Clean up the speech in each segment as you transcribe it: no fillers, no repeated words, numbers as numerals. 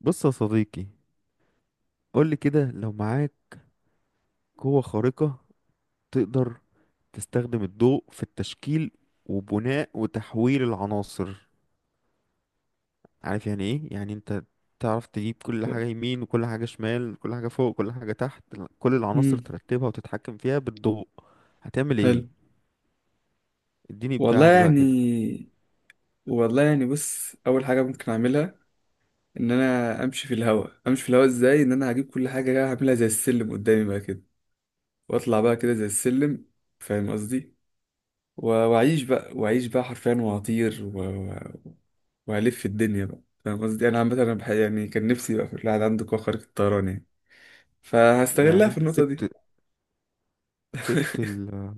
بص يا صديقي، قولي كده. لو معاك قوة خارقة تقدر تستخدم الضوء في التشكيل وبناء وتحويل العناصر، عارف يعني ايه؟ يعني انت تعرف تجيب كل حاجة يمين وكل حاجة شمال، كل حاجة فوق كل حاجة تحت، كل العناصر امم ترتبها وتتحكم فيها بالضوء. هتعمل حلو. ايه؟ اديني والله ابداعك بقى كده. يعني، بص، اول حاجه ممكن اعملها ان انا امشي في الهواء. امشي في الهواء ازاي؟ ان انا هجيب كل حاجه كده هعملها زي السلم قدامي بقى كده، واطلع بقى كده زي السلم. فاهم قصدي؟ واعيش بقى، حرفيا، وهطير وهلف الدنيا بقى. فاهم قصدي؟ انا عامه انا يعني كان نفسي بقى في الواحد عنده قوه خارقه الطيران يعني، يعني فهستغلها في انت النقطه دي. سبت سبت ال-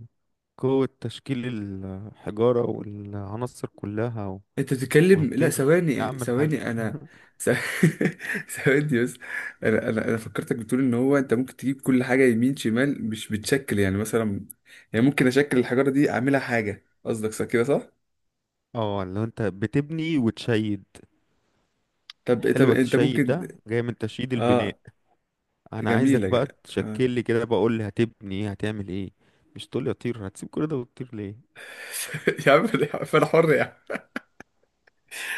قوة تشكيل الحجارة والعناصر كلها انت بتتكلم، لا وهتطير إيه يا ثواني عم الحاج؟ ثواني انا ث- ثواني بس. انا فكرتك بتقول ان هو انت ممكن تجيب كل حاجه يمين شمال، مش بتشكل يعني مثلا. يعني ممكن اشكل الحجاره دي اعملها حاجه، قصدك صح كده، صح؟ اه، لو انت بتبني وتشيد. طب، حلوة انت تشيد، ممكن، ده جاي من تشييد البناء. اه. انا عايزك جميله، بقى اه. تشكل لي كده، بقول لي هتبني ايه، هتعمل ايه. مش تقول لي اطير، هتسيب كل ده وتطير ليه؟ يا عم، انا حر يا عم،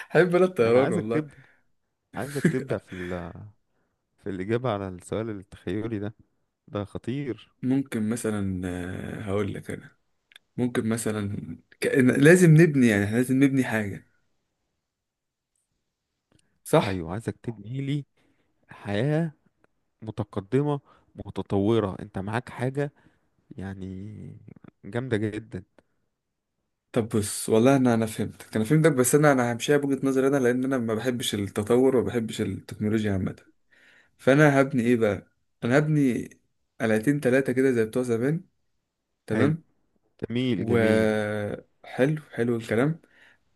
حب انا انا الطيران عايزك والله. تبدأ، عايزك تبدأ في ال... في الإجابة على السؤال التخيلي ده. ده خطير. ممكن مثلا، آه، هقول لك انا، ممكن مثلا كأن لازم نبني، يعني احنا لازم نبني حاجه، صح؟ ايوه، عايزك تبني لي حياة متقدمة متطورة. انت معاك حاجة يعني جامدة جدا. طب بص، والله، انا فهمتك، بس انا همشيها بوجهة نظري انا، لان انا ما بحبش التطور وما بحبش التكنولوجيا عامة. فانا هبني ايه بقى؟ انا هبني قلعتين تلاتة كده زي بتوع زمان، حلو. تمام. جميل و جميل. حلو، حلو الكلام.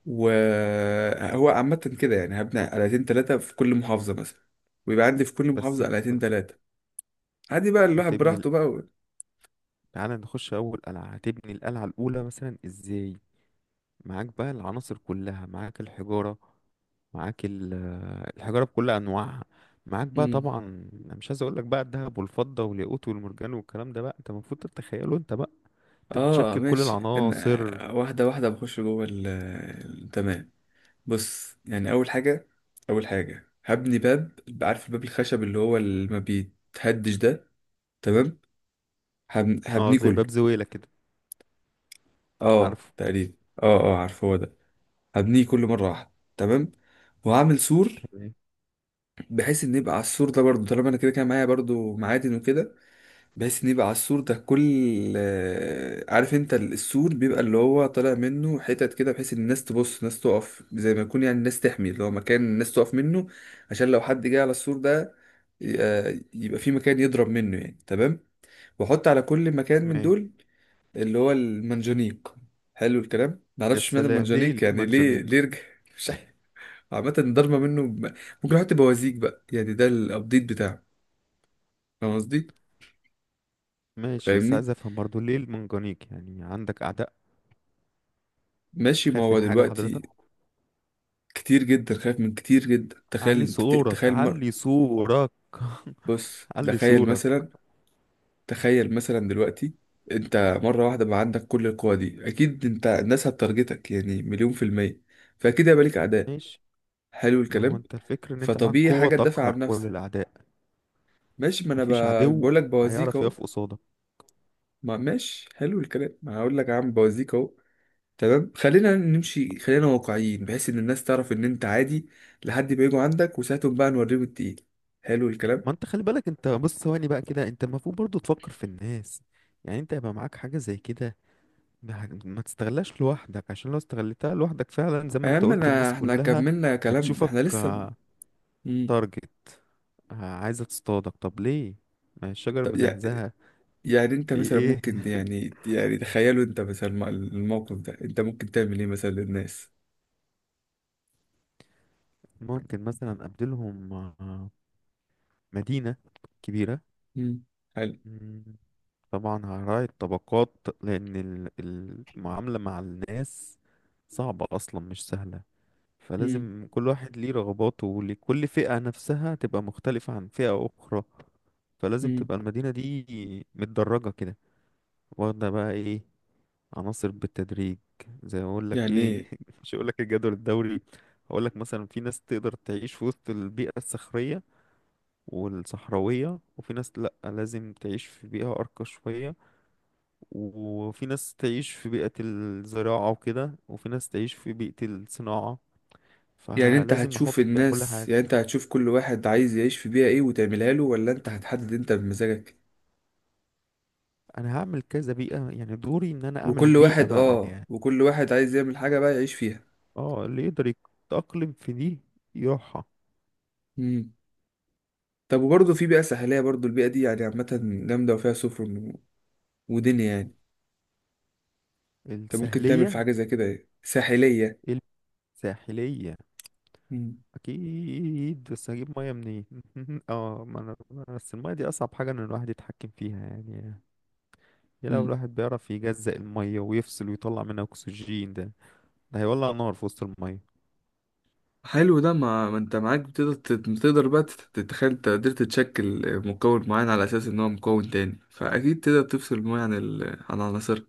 وهو عامة كده يعني هبني قلعتين تلاتة في كل محافظة مثلا، ويبقى عندي في كل بس محافظة قلعتين انت تلاتة. عادي بقى، الواحد هتبني، براحته بقى، و... تعالى نخش اول قلعه. هتبني القلعه الاولى مثلا ازاي؟ معاك بقى العناصر كلها، معاك الحجاره، معاك الحجاره بكل انواعها. معاك بقى مم. طبعا. أنا مش عايز اقول لك بقى الذهب والفضه والياقوت والمرجان والكلام ده بقى، انت المفروض تتخيله انت بقى. انت اه بتشكل كل ماشي، ان العناصر. واحدة واحدة بخش جوه ال... تمام. بص يعني اول حاجه، هبني باب. عارف الباب الخشب اللي هو اللي ما بيتهدش ده؟ تمام. اه هبنيه زي باب كله. زويلة كده. اه عارفه. تقريبا. اه اه، عارف هو ده. هبنيه كله مره واحده، تمام. وهعمل سور، تمام. بحيث ان يبقى على السور ده برضو، طالما انا كده كده معايا برضو معادن وكده، بحيث ان يبقى على السور ده كل، آه، عارف انت السور بيبقى اللي هو طالع منه حتت كده، بحيث ان الناس تبص، الناس تقف زي ما يكون، يعني الناس تحمي اللي هو مكان الناس تقف منه، عشان لو حد جه على السور ده، آه، يبقى في مكان يضرب منه يعني، تمام. واحط على كل مكان من تمام. دول اللي هو المنجنيق. حلو الكلام، معرفش يا اشمعنى سلام، ليه المنجنيق ليه يعني ليه، منجنيق؟ ليه رجع مش عارف. عامة ضربة منه ممكن احط بوازيك بقى يعني، ده الابديت بتاعه. فاهم قصدي؟ ماشي، بس فاهمني؟ عايز افهم برضو ليه المنجنيق. يعني عندك اعداء؟ ماشي، ما خايف هو من حاجه دلوقتي حضرتك؟ كتير جدا، خايف من كتير جدا، علي تخيل صورك، تخيل علي صورك، بص علي تخيل صورك. مثلا، تخيل مثلا دلوقتي انت مرة واحدة بقى عندك كل القوى دي، اكيد انت الناس هتارجتك يعني مليون في المية، فاكيد هيبقى ليك اعداء. ماشي، حلو ما هو الكلام. انت الفكر ان انت معاك فطبيعي قوة حاجة تدافع تقهر عن كل نفسك. الاعداء. ماشي، ما انا مفيش عدو بقول لك بوازيك هيعرف اهو. يقف قصادك. ما ماشي، حلو الكلام، ما هقول لك يا عم بوازيك اهو. تمام، خلينا نمشي، خلينا واقعيين بحيث ان الناس تعرف ان انت عادي لحد ما يجوا عندك وساعتهم بقى نوريهم التقيل. حلو ما الكلام. انت خلي بالك، انت بص ثواني بقى كده، انت المفروض برضو تفكر في الناس. يعني انت يبقى معاك حاجة زي كده، ما تستغلاش لوحدك. عشان لو استغلتها لوحدك فعلا، زي ما يا انت عم قلت، انا الناس احنا كلها كملنا كلام، احنا هتشوفك، لسه. مم. تارجت، عايزة تصطادك. طب ليه؟ ما الشجر طب مزهزهة. يعني انت مثلا بإيه؟ ممكن، يعني يعني تخيلوا، انت مثلا الموقف ده انت ممكن تعمل ايه مثلا للناس؟ ممكن مثلا أبدلهم مدينة مم. حلو. كبيرة. طبعا هراعي الطبقات، لأن المعاملة مع الناس صعبة أصلا، مش سهلة. مم. فلازم كل واحد ليه رغباته، ولكل فئة نفسها تبقى مختلفة عن فئة أخرى. فلازم مم. تبقى المدينة دي متدرجة كده، واخدة بقى ايه، عناصر بالتدريج، زي ما اقول لك يعني ايه، ايه؟ مش هقول لك الجدول الدوري. هقول لك مثلا في ناس تقدر تعيش في وسط البيئة الصخرية والصحراوية، وفي ناس لأ، لازم تعيش في بيئة أرقى شوية، وفي ناس تعيش في بيئة الزراعة وكده، وفي ناس تعيش في بيئة الصناعة. يعني انت فلازم هتشوف احط في كل الناس، حاجة. يعني انت هتشوف كل واحد عايز يعيش في بيئة ايه وتعملها له، ولا انت هتحدد انت بمزاجك؟ انا هعمل كذا بيئة، يعني دوري ان انا اعمل وكل بيئة واحد، بقى اه، يعني. وكل واحد عايز يعمل حاجة بقى يعيش فيها. اه اللي يقدر يتأقلم في دي يروحها. مم. طب وبرضه في بيئة ساحلية، برضه البيئة دي يعني عامة جامدة وفيها سفن و- ودنيا يعني، انت ممكن تعمل في السهلية حاجة زي كده ايه، ساحلية. الساحلية مم. اكيد، بس هجيب مية منين؟ اه، ما انا بس المية دي اصعب حاجة ان الواحد يتحكم فيها يعني. يا لو مم. الواحد بيعرف يجزأ المية ويفصل ويطلع منها اكسجين، ده هيولع نار في وسط المية. حلو ده. ما ما انت معاك، بتقدر تقدر بقى تتخيل انت قدرت تشكل مكون معين على اساس ان هو مكون تاني، فاكيد تقدر تفصل الميه عن ال... عن عناصر،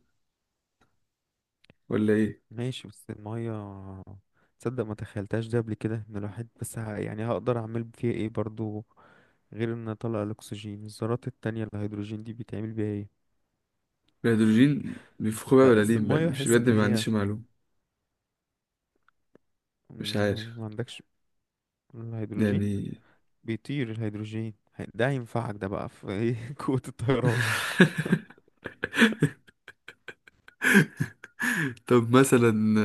ولا ايه؟ ماشي بس المية، تصدق ما تخيلتهاش ده قبل كده؟ ان الواحد بس يعني هقدر اعمل فيها ايه برضو، غير ان اطلع الاكسجين؟ الذرات التانية الهيدروجين دي بيتعمل بيها ايه؟ الهيدروجين بيفخوا بقى لا ولا ليه اصل بقى؟ المية مش بحس بجد، ان ما هي عنديش معلومه، مش عارف ما عندكش الهيدروجين، يعني. بيطير الهيدروجين ده هينفعك ده بقى في ايه، قوة الطيران. طب مثلا،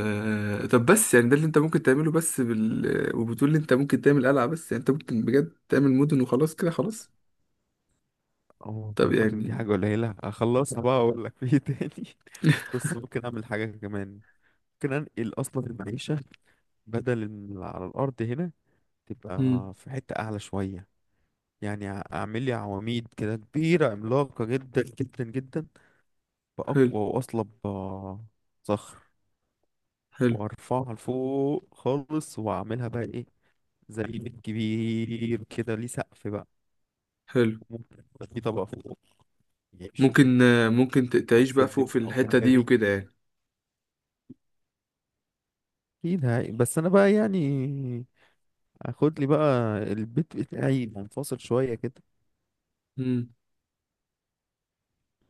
آه، طب بس يعني ده اللي انت ممكن تعمله بس بال، وبتقول لي انت ممكن تعمل قلعه بس؟ يعني انت ممكن بجد تعمل مدن وخلاص كده؟ خلاص. اه طب المدن دي يعني، حاجة قليلة، اخلصها بقى اقول لك في ايه تاني. بص، ممكن اعمل حاجة كمان، ممكن انقل اصلا المعيشة. بدل إن على الارض هنا، تبقى في حتة أعلى شوية. يعني اعمل لي عواميد كده كبيرة عملاقة جدا جدا جدا، حلو بأقوى وأصلب صخر حلو وارفعها لفوق خالص، واعملها بقى ايه، زي بيت كبير كده ليه سقف بقى. حلو، ممكن يبقى في طبقة فوق، يعيشوا ممكن، فوق. آه، ممكن كام تعيش بقى سلم فوق في او الحتة دي كناري وكده يعني. اكيد هاي، بس انا بقى يعني اخد لي بقى البيت بتاعي منفصل شوية كده، مم.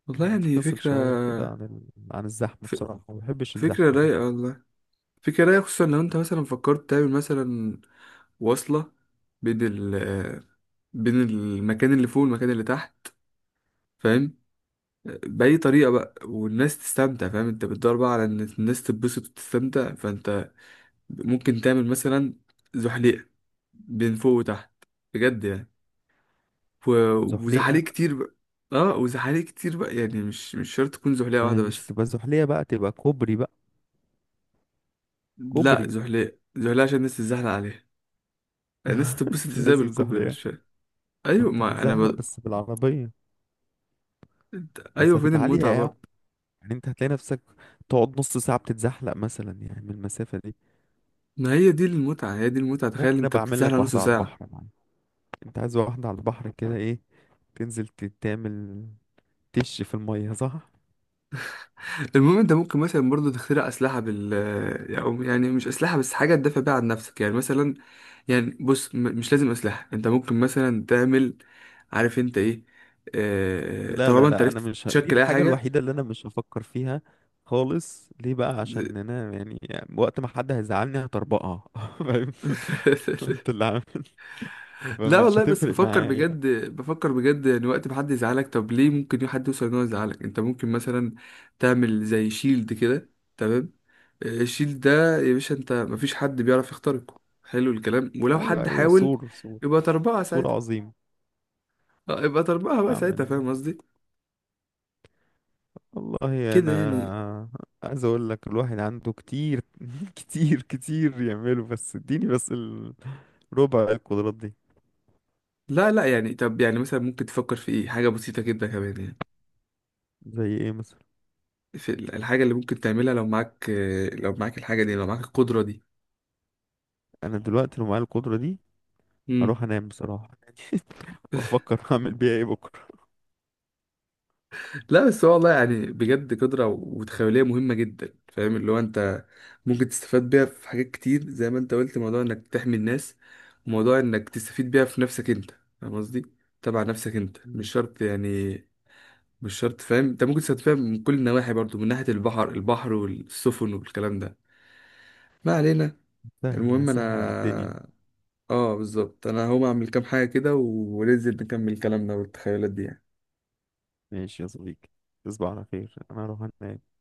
والله يعني منفصل فكرة. شوية كده عن عن الزحمة، ف... بصراحة ما بحبش فكرة الزحمة انا. رايقة والله، فكرة رايقة، خصوصا لو انت مثلا فكرت تعمل مثلا وصلة بين ال، آه، بين المكان اللي فوق والمكان اللي تحت. فاهم؟ آه، بأي طريقة بقى، والناس تستمتع. فاهم، انت بتدور بقى على ان الناس تتبسط وتستمتع، فانت ممكن تعمل مثلا زحليقة بين فوق وتحت، بجد يعني، و... وزحاليق زحليقة؟ كتير بقى. اه، وزحاليق كتير بقى، يعني مش مش شرط تكون زحليقة آه، واحدة مش بس. هتبقى زحلية بقى، تبقى كوبري بقى. لا، كوبري. زحليقة زحليقة عشان الناس تتزحلق عليها. الناس تتبسط ازاي لازم بالكوبري؟ أنا زحلية. مش فاهم. ما ايوه، انت ما انا هتتزحلق بس بالعربية. بس ايوه، فين هتبقى المتعة عالية أوي، برضه؟ يعني انت هتلاقي نفسك تقعد نص ساعة بتتزحلق مثلا يعني من المسافة دي. ما هي دي المتعة، هي دي المتعة، تخيل ممكن انت ابقى اعمل بتتزحلق لك نص واحدة على ساعة. البحر يا معلم. انت عايز واحدة على البحر كده ايه، تنزل تعمل تش في المية، صح؟ المهم، انت ممكن مثلا برضه تخترع اسلحة بال، أو يعني مش اسلحة بس، حاجة تدافع بيها عن نفسك يعني مثلا. يعني بص، مش لازم اسلحة، انت ممكن مثلا تعمل، عارف انت ايه، آه، لا لا طالما انت لا، انا عرفت مش دي تشكل اي الحاجة حاجة. الوحيدة اللي انا مش هفكر فيها خالص. ليه بقى؟ عشان انا يعني وقت ما حد هيزعلني هطربقها. فاهم؟ انت اللي عارف، لا فمش والله، بس هتفرق بفكر معايا. بجد، بفكر بجد يعني، وقت ما حد يزعلك طب ليه ممكن حد يوصل ان هو يزعلك؟ انت ممكن مثلا تعمل زي شيلد كده، تمام، آه، الشيلد ده يا باشا انت مفيش حد بيعرف يخترقه. حلو الكلام، ولو ايوه حد ايوه، حاول سور سور، يبقى تربعة سور ساعتها. عظيم. آه، يبقى تربعة بقى ساعتها، اعمل، فاهم قصدي؟ والله كده يعني. انا عايز اقول لك الواحد عنده كتير، كتير كتير يعمله، بس اديني بس ربع القدرات دي. لا لا، يعني طب يعني مثلا ممكن تفكر في ايه حاجة بسيطة جدا كمان يعني، زي ايه مثلا؟ في الحاجة اللي ممكن تعملها لو معاك، آه، لو معاك الحاجة دي، لو معاك القدرة دي. انا دلوقتي لو معايا القدرة دي مم. هروح انام بصراحة، وافكر هعمل بيها ايه بكرة. لا بس هو والله يعني بجد، قدرة وتخيلية مهمة جدا، فاهم اللي هو انت ممكن تستفاد بيها في حاجات كتير، زي ما انت قلت موضوع انك تحمي الناس، وموضوع انك تستفيد بيها في نفسك انت، فاهم قصدي؟ تبع نفسك انت، مم. مش شرط يعني، مش شرط، فاهم، انت ممكن تستفاد بيها من كل النواحي برضو، من ناحية البحر، البحر والسفن والكلام ده. ما علينا. سهل، المهم انا، هسهل على الدنيا. اه بالظبط، انا هقوم اعمل كام حاجة كده وننزل نكمل كلامنا والتخيلات دي يعني. ماشي يا صديقي، تصبح على خير، انا هروح انام.